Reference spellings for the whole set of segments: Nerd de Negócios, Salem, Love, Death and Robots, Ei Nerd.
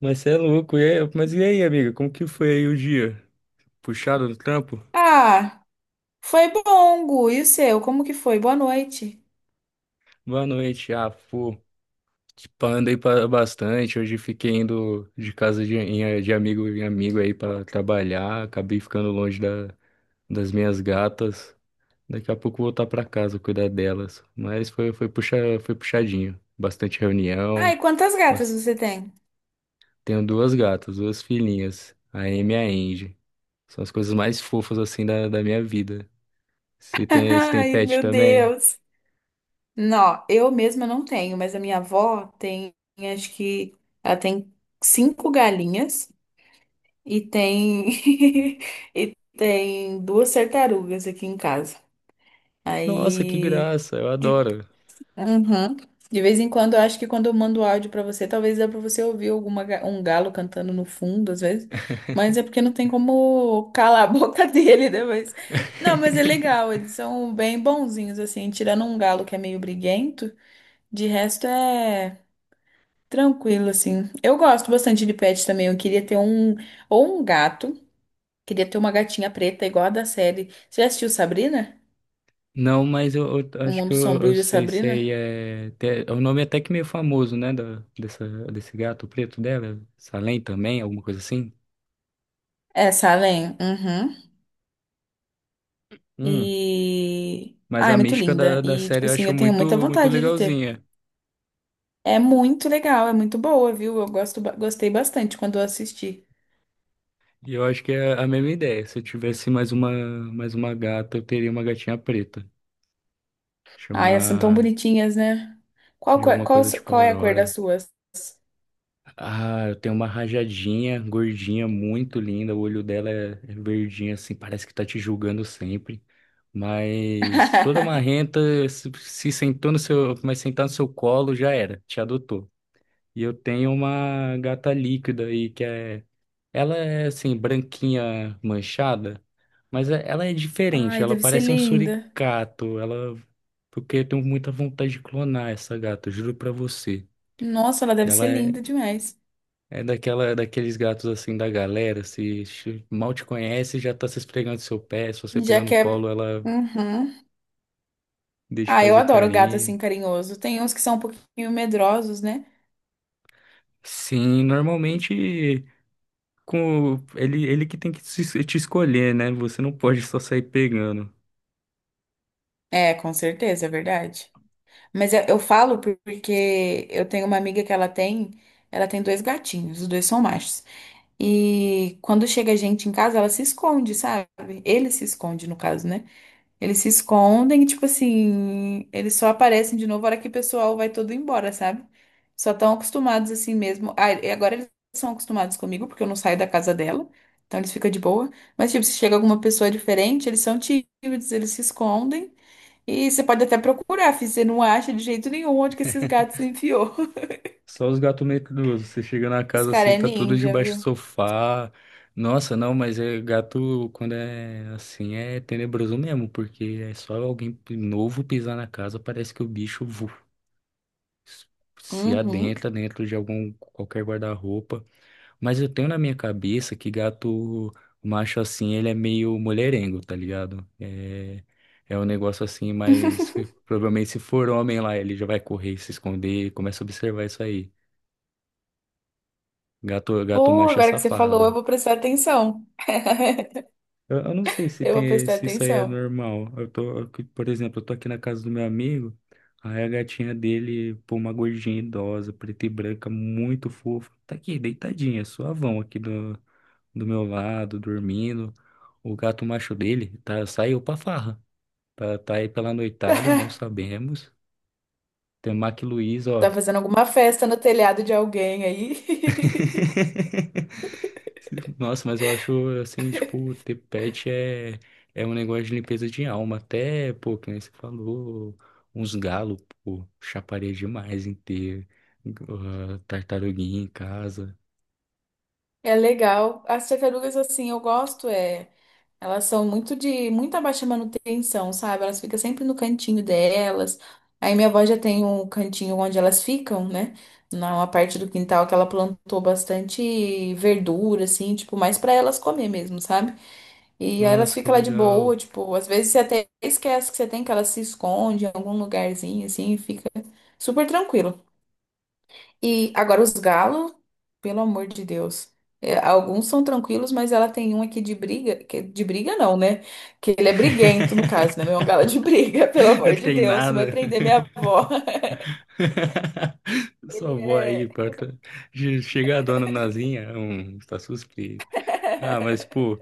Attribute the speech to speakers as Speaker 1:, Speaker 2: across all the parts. Speaker 1: Mas você é louco. Mas e aí, amiga? Como que foi aí o dia? Puxado no trampo?
Speaker 2: Ah, foi bom, Gu. E o seu? Como que foi? Boa noite.
Speaker 1: Boa noite. Ah, pô. Tipo, andei pra bastante. Hoje fiquei indo de amigo em amigo aí pra trabalhar. Acabei ficando longe das minhas gatas. Daqui a pouco voltar pra casa cuidar delas. Mas puxa, foi puxadinho. Bastante
Speaker 2: Ai,
Speaker 1: reunião.
Speaker 2: quantas gatas
Speaker 1: Mas
Speaker 2: você tem?
Speaker 1: tenho duas gatas, duas filhinhas. A Amy e a Angie. São as coisas mais fofas assim da minha vida. Se tem, se tem
Speaker 2: Ai,
Speaker 1: pet
Speaker 2: meu
Speaker 1: também.
Speaker 2: Deus. Não, eu mesma não tenho, mas a minha avó tem, acho que ela tem cinco galinhas e tem e tem duas tartarugas aqui em casa.
Speaker 1: Nossa, que
Speaker 2: Aí,
Speaker 1: graça, eu
Speaker 2: de-
Speaker 1: adoro.
Speaker 2: Uhum. De vez em quando, eu acho que quando eu mando áudio pra você, talvez dá pra você ouvir um galo cantando no fundo, às vezes. Mas é porque não tem como calar a boca dele, né? Não, mas é legal, eles são bem bonzinhos, assim. Tirando um galo que é meio briguento, de resto é tranquilo, assim. Eu gosto bastante de pet também. Eu queria ter um. Ou um gato. Queria ter uma gatinha preta, igual a da série. Você já assistiu Sabrina?
Speaker 1: Não, mas eu
Speaker 2: O
Speaker 1: acho que
Speaker 2: Mundo
Speaker 1: eu,
Speaker 2: Sombrio
Speaker 1: eu
Speaker 2: de
Speaker 1: sei se aí
Speaker 2: Sabrina?
Speaker 1: é. É um nome até que meio famoso, né? Desse gato preto dela. Salem também, alguma coisa assim.
Speaker 2: É, Salem. Uhum.
Speaker 1: Hum.
Speaker 2: E.
Speaker 1: Mas
Speaker 2: Ah,
Speaker 1: a
Speaker 2: é muito
Speaker 1: mística da,
Speaker 2: linda.
Speaker 1: da
Speaker 2: E,
Speaker 1: série
Speaker 2: tipo
Speaker 1: eu
Speaker 2: assim,
Speaker 1: acho
Speaker 2: eu tenho muita
Speaker 1: muito, muito
Speaker 2: vontade de ter.
Speaker 1: legalzinha.
Speaker 2: É muito legal, é muito boa, viu? Eu gosto, gostei bastante quando eu assisti.
Speaker 1: E eu acho que é a mesma ideia. Se eu tivesse mais uma gata, eu teria uma gatinha preta.
Speaker 2: Ai, elas são tão
Speaker 1: Chamar
Speaker 2: bonitinhas, né? Qual,
Speaker 1: de
Speaker 2: cor-
Speaker 1: alguma
Speaker 2: qual,
Speaker 1: coisa tipo
Speaker 2: qual é a cor das
Speaker 1: Aurora.
Speaker 2: suas?
Speaker 1: Ah, eu tenho uma rajadinha gordinha, muito linda. O olho dela é verdinho, assim, parece que tá te julgando sempre. Mas toda marrenta, se sentou no seu, mas sentar no seu colo, já era, te adotou. E eu tenho uma gata líquida aí, que é. Ela é, assim, branquinha manchada, ela é diferente,
Speaker 2: Ai,
Speaker 1: ela
Speaker 2: deve ser
Speaker 1: parece um
Speaker 2: linda.
Speaker 1: suricato. Ela. Porque eu tenho muita vontade de clonar essa gata, juro pra você.
Speaker 2: Nossa, ela deve ser
Speaker 1: Ela
Speaker 2: linda
Speaker 1: é.
Speaker 2: demais.
Speaker 1: É daqueles gatos assim da galera, se ch- mal te conhece, já tá se esfregando no seu pé, se você pegar
Speaker 2: Já
Speaker 1: no
Speaker 2: que é.
Speaker 1: colo, ela
Speaker 2: Uhum.
Speaker 1: deixa
Speaker 2: Ah, eu
Speaker 1: fazer
Speaker 2: adoro gato
Speaker 1: carinho.
Speaker 2: assim carinhoso. Tem uns que são um pouquinho medrosos, né?
Speaker 1: Sim, normalmente com ele que tem que te escolher, né? Você não pode só sair pegando.
Speaker 2: É, com certeza, é verdade. Mas eu falo porque eu tenho uma amiga que ela tem dois gatinhos, os dois são machos. E quando chega gente em casa, ela se esconde, sabe? Ele se esconde, no caso, né? Eles se escondem e, tipo assim, eles só aparecem de novo na hora que o pessoal vai todo embora, sabe? Só estão acostumados assim mesmo. Ah, e agora eles são acostumados comigo, porque eu não saio da casa dela, então eles ficam de boa. Mas, tipo, se chega alguma pessoa diferente, eles são tímidos, eles se escondem. E você pode até procurar, fi, você não acha de jeito nenhum onde que esses gatos enfiou.
Speaker 1: Só os gatos medrosos. Você chega na
Speaker 2: Os
Speaker 1: casa
Speaker 2: caras
Speaker 1: assim,
Speaker 2: é
Speaker 1: tá tudo
Speaker 2: ninja,
Speaker 1: debaixo do
Speaker 2: viu?
Speaker 1: sofá. Nossa, não, mas é gato quando é assim é tenebroso mesmo, porque é só alguém novo pisar na casa, parece que o bicho se
Speaker 2: Uhum.
Speaker 1: adentra dentro de algum qualquer guarda-roupa, mas eu tenho na minha cabeça que gato macho assim, ele é meio mulherengo, tá ligado? É um negócio assim, mas provavelmente se for homem lá, ele já vai correr, se esconder, começa a observar isso aí. Gato
Speaker 2: Pô,
Speaker 1: macho é
Speaker 2: agora que você falou, eu
Speaker 1: safado.
Speaker 2: vou prestar atenção.
Speaker 1: Eu não sei
Speaker 2: Eu vou prestar
Speaker 1: se isso aí é
Speaker 2: atenção.
Speaker 1: normal. Por exemplo, eu tô aqui na casa do meu amigo, aí a gatinha dele, pô, uma gordinha idosa, preta e branca, muito fofa, tá aqui, deitadinha, suavão aqui do meu lado, dormindo. O gato macho dele tá, saiu pra farra, tá aí pela noitada, não sabemos. Tem o Mac Luiz,
Speaker 2: Tá
Speaker 1: ó.
Speaker 2: fazendo alguma festa no telhado de alguém aí.
Speaker 1: Nossa, mas eu acho assim, tipo, ter pet é um negócio de limpeza de alma. Até, pô, que nem você falou, uns galos, pô, chaparia demais em ter tartaruguinha em casa.
Speaker 2: É legal. As tartarugas, assim, eu gosto, é. Elas são muito de muita baixa manutenção, sabe? Elas ficam sempre no cantinho delas. Aí minha avó já tem um cantinho onde elas ficam, né? Numa parte do quintal que ela plantou bastante verdura, assim, tipo, mais pra elas comer mesmo, sabe? E aí elas
Speaker 1: Nossa, que
Speaker 2: ficam lá de boa,
Speaker 1: legal.
Speaker 2: tipo, às vezes você até esquece que você tem, que elas se escondem em algum lugarzinho, assim, e fica super tranquilo. E agora os galos, pelo amor de Deus. É, alguns são tranquilos, mas ela tem um aqui de briga, que de briga não, né? Que ele é briguento, no caso, né? Não é um galo de briga, pelo
Speaker 1: Não
Speaker 2: amor de
Speaker 1: tem
Speaker 2: Deus, vai
Speaker 1: nada.
Speaker 2: prender minha avó.
Speaker 1: Só
Speaker 2: Ele
Speaker 1: vou aí
Speaker 2: é.
Speaker 1: pra... Chega a dona Nazinha, tá suspeito. Ah, mas, pô,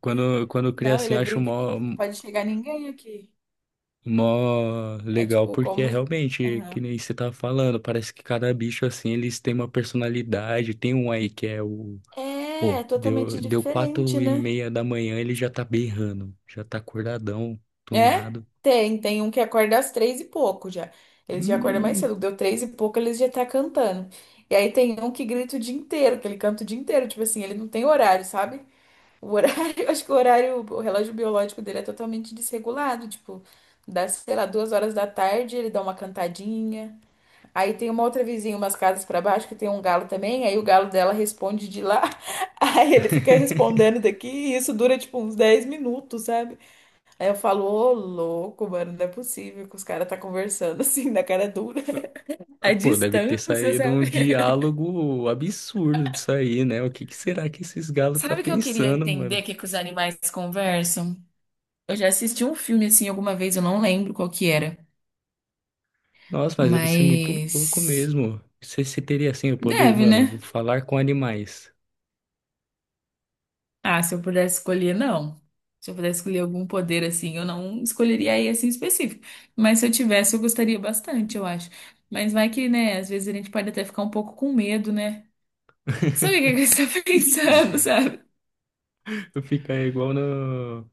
Speaker 1: quando cria
Speaker 2: Não,
Speaker 1: assim,
Speaker 2: ele é
Speaker 1: eu acho mó.
Speaker 2: briguento, não pode chegar ninguém aqui.
Speaker 1: Mó
Speaker 2: É
Speaker 1: legal,
Speaker 2: tipo
Speaker 1: porque é
Speaker 2: como.
Speaker 1: realmente,
Speaker 2: Aham.
Speaker 1: que nem você tava falando, parece que cada bicho, assim, eles têm uma personalidade. Tem um aí que é o...
Speaker 2: É
Speaker 1: Pô, deu,
Speaker 2: totalmente
Speaker 1: deu quatro
Speaker 2: diferente,
Speaker 1: e
Speaker 2: né?
Speaker 1: meia da manhã, ele já tá berrando. Já tá acordadão,
Speaker 2: É?
Speaker 1: tunado.
Speaker 2: Tem um que acorda às três e pouco já. Eles já acordam mais
Speaker 1: Hum.
Speaker 2: cedo. Deu três e pouco, eles já tá cantando. E aí tem um que grita o dia inteiro, que ele canta o dia inteiro. Tipo assim, ele não tem horário, sabe? O horário, eu acho que o horário, o relógio biológico dele é totalmente desregulado. Tipo, dá, sei lá, 2 horas da tarde, ele dá uma cantadinha. Aí tem uma outra vizinha, umas casas pra baixo, que tem um galo também. Aí o galo dela responde de lá. Aí ele fica respondendo daqui. E isso dura, tipo, uns 10 minutos, sabe? Aí eu falo, ô louco, mano, não é possível que os caras tá conversando assim, na cara dura. A
Speaker 1: Pô, deve ter
Speaker 2: distância,
Speaker 1: saído um
Speaker 2: sabe?
Speaker 1: diálogo absurdo disso aí, né? O que que será que esses galos tá
Speaker 2: Sabe o que eu queria
Speaker 1: pensando, mano?
Speaker 2: entender que os animais conversam? Eu já assisti um filme assim alguma vez, eu não lembro qual que era.
Speaker 1: Nossa, mas deve ser muito louco
Speaker 2: Mas
Speaker 1: mesmo. Você teria, assim, o poder,
Speaker 2: deve,
Speaker 1: mano,
Speaker 2: né?
Speaker 1: falar com animais.
Speaker 2: Ah, se eu pudesse escolher, não. Se eu pudesse escolher algum poder assim, eu não escolheria esse em específico. Mas se eu tivesse, eu gostaria bastante, eu acho. Mas vai que, né, às vezes a gente pode até ficar um pouco com medo, né? Sabe o que que você tá pensando, sabe?
Speaker 1: Tu fica aí igual no.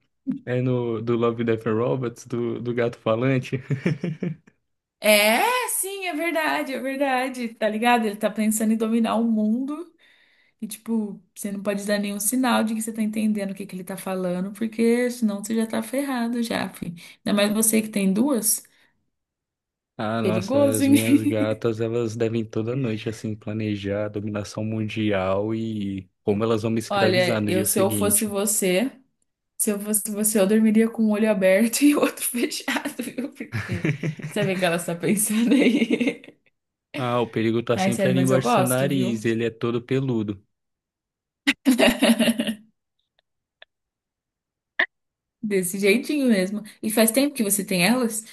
Speaker 1: É no do Love, Death and Robots, do gato falante.
Speaker 2: É, sim, é verdade, tá ligado? Ele tá pensando em dominar o mundo e, tipo, você não pode dar nenhum sinal de que você tá entendendo o que que ele tá falando, porque senão você já tá ferrado já, fi. Ainda mais você que tem duas,
Speaker 1: Ah, nossa,
Speaker 2: perigoso,
Speaker 1: as
Speaker 2: hein?
Speaker 1: minhas gatas, elas devem toda noite, assim, planejar a dominação mundial e como elas vão me escravizar
Speaker 2: Olha,
Speaker 1: no dia
Speaker 2: eu se eu fosse
Speaker 1: seguinte.
Speaker 2: você, se eu fosse você, eu dormiria com um olho aberto e outro fechado, viu? Porque sabe o que ela está pensando aí?
Speaker 1: Ah, o perigo tá
Speaker 2: Ai,
Speaker 1: sempre
Speaker 2: sério,
Speaker 1: ali
Speaker 2: mas eu
Speaker 1: embaixo do seu
Speaker 2: gosto, viu?
Speaker 1: nariz, ele é todo peludo.
Speaker 2: Desse jeitinho mesmo. E faz tempo que você tem elas?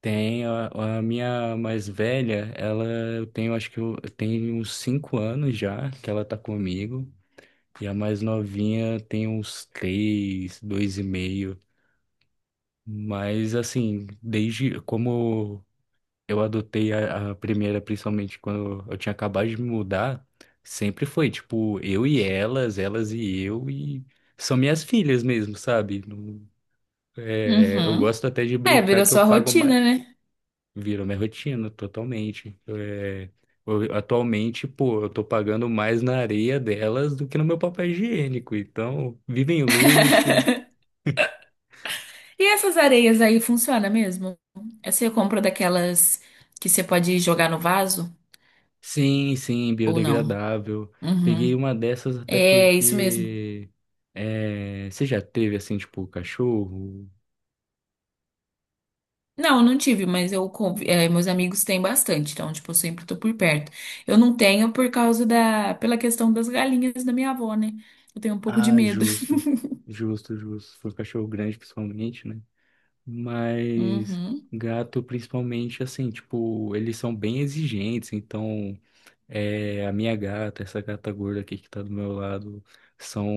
Speaker 1: Tem a minha mais velha, ela eu tenho, acho que eu tenho uns 5 anos já que ela tá comigo. E a mais novinha tem uns 3, 2,5. Mas assim, desde como eu adotei a primeira, principalmente quando eu tinha acabado de me mudar, sempre foi tipo eu e elas e eu, e são minhas filhas mesmo, sabe? É, eu
Speaker 2: Uhum.
Speaker 1: gosto até de
Speaker 2: É,
Speaker 1: brincar
Speaker 2: virou
Speaker 1: que eu
Speaker 2: sua
Speaker 1: pago, ma-
Speaker 2: rotina, né?
Speaker 1: Virou minha rotina totalmente. É, atualmente, pô, eu tô pagando mais na areia delas do que no meu papel higiênico. Então, vivem em luxo.
Speaker 2: E essas areias aí funciona mesmo? Você compra daquelas que você pode jogar no vaso
Speaker 1: Sim, sim,
Speaker 2: ou não?
Speaker 1: biodegradável. Peguei
Speaker 2: Uhum.
Speaker 1: uma dessas até
Speaker 2: É isso mesmo.
Speaker 1: porque. É, você já teve assim, tipo, cachorro?
Speaker 2: Não, não tive, mas eu é, meus amigos têm bastante, então tipo, eu sempre tô por perto. Eu não tenho por causa da pela questão das galinhas da minha avó, né? Eu tenho um pouco de
Speaker 1: Ah,
Speaker 2: medo.
Speaker 1: justo. Justo, justo. Foi um cachorro grande, principalmente, né? Mas
Speaker 2: Uhum.
Speaker 1: gato, principalmente, assim, tipo, eles são bem exigentes, então. É, a minha gata, essa gata gorda aqui que tá do meu lado, são,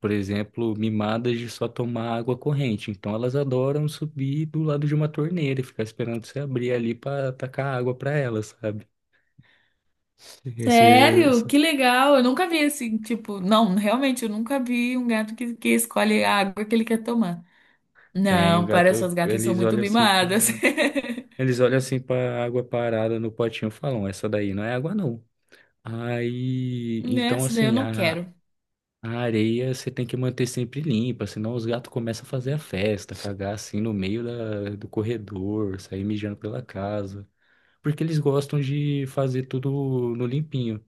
Speaker 1: por exemplo, mimadas de só tomar água corrente. Então elas adoram subir do lado de uma torneira e ficar esperando você abrir ali pra tacar água pra elas, sabe? Esse,
Speaker 2: Sério?
Speaker 1: essa-
Speaker 2: Que legal! Eu nunca vi assim, tipo, não, realmente eu nunca vi um gato que escolhe a água que ele quer tomar.
Speaker 1: Tem o
Speaker 2: Não, para suas
Speaker 1: gato,
Speaker 2: gatas são
Speaker 1: eles
Speaker 2: muito
Speaker 1: olham assim pra,
Speaker 2: mimadas.
Speaker 1: eles olham assim pra água parada no potinho e falam, essa daí não é água não. Aí, então
Speaker 2: Nessa daí eu
Speaker 1: assim,
Speaker 2: não quero.
Speaker 1: a areia você tem que manter sempre limpa, senão os gatos começam a fazer a festa, cagar assim no meio do corredor, sair mijando pela casa. Porque eles gostam de fazer tudo no limpinho.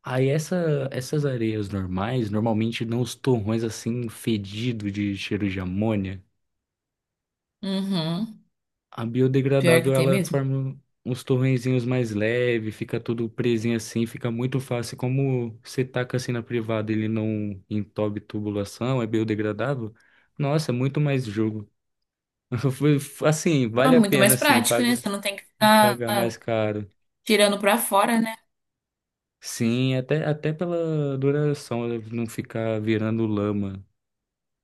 Speaker 1: Aí essas areias normais, normalmente dão uns torrões assim fedido de cheiro de amônia.
Speaker 2: Uhum.
Speaker 1: A
Speaker 2: Pior que
Speaker 1: biodegradável,
Speaker 2: tem
Speaker 1: ela
Speaker 2: mesmo.
Speaker 1: forma uns torrenzinhos mais leves, fica tudo presinho assim, fica muito fácil. Como você taca assim na privada, ele não entope tubulação, é biodegradável. Nossa, é muito mais jogo. Foi- Assim,
Speaker 2: Ah,
Speaker 1: vale a
Speaker 2: muito
Speaker 1: pena,
Speaker 2: mais
Speaker 1: assim,
Speaker 2: prático,
Speaker 1: pagar,
Speaker 2: né? Você não tem que ficar
Speaker 1: pagar mais caro.
Speaker 2: tirando pra fora, né?
Speaker 1: Sim, até pela duração, ela não ficar virando lama.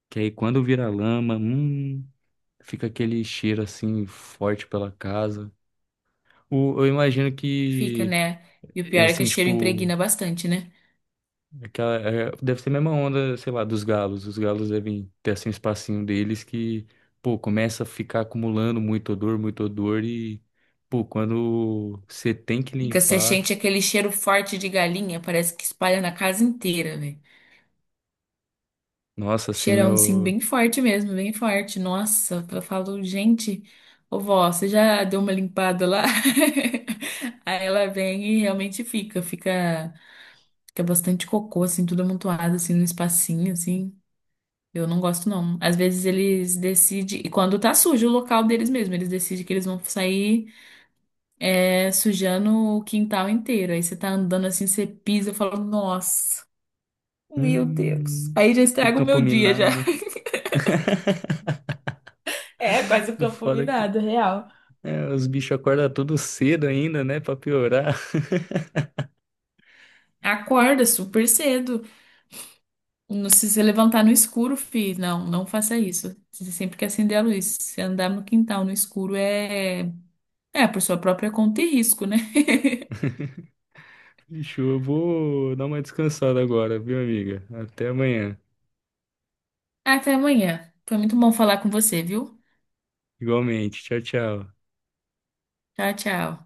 Speaker 1: Que aí quando vira lama, fica aquele cheiro assim forte pela casa. Eu imagino
Speaker 2: Fica,
Speaker 1: que
Speaker 2: né? E o pior
Speaker 1: e,
Speaker 2: é que
Speaker 1: assim,
Speaker 2: o cheiro
Speaker 1: tipo,
Speaker 2: impregna bastante, né?
Speaker 1: aquela, deve ser a mesma onda, sei lá, dos galos. Os galos devem ter assim um espacinho deles que, pô, começa a ficar acumulando muito odor e, pô, quando você tem que
Speaker 2: Fica, você
Speaker 1: limpar,
Speaker 2: sente aquele cheiro forte de galinha, parece que espalha na casa inteira, velho.
Speaker 1: nossa, assim,
Speaker 2: Cheirão, sim,
Speaker 1: eu,
Speaker 2: bem forte mesmo, bem forte. Nossa, eu falo, gente, ô vó, você já deu uma limpada lá? Aí ela vem e realmente fica bastante cocô, assim, tudo amontoado, assim, no espacinho, assim. Eu não gosto, não. Às vezes eles decidem, e quando tá sujo o local deles mesmo, eles decidem que eles vão sair é, sujando o quintal inteiro. Aí você tá andando assim, você pisa, eu falo, nossa, meu Deus.
Speaker 1: hum,
Speaker 2: Aí já estraga o
Speaker 1: campo
Speaker 2: meu dia, já.
Speaker 1: minado.
Speaker 2: É, quase o
Speaker 1: O
Speaker 2: campo
Speaker 1: foda é que
Speaker 2: minado, real.
Speaker 1: é, os bichos acordam tudo cedo ainda, né, pra piorar.
Speaker 2: Acorda super cedo. Não. Se você levantar no escuro, fi, não, não faça isso. Você sempre que acender a luz. Se andar no quintal no escuro é, é por sua própria conta e risco, né?
Speaker 1: Bicho, eu vou dar uma descansada agora, viu, amiga? Até amanhã.
Speaker 2: Até amanhã. Foi muito bom falar com você, viu?
Speaker 1: Igualmente. Tchau, tchau.
Speaker 2: Tchau, tchau.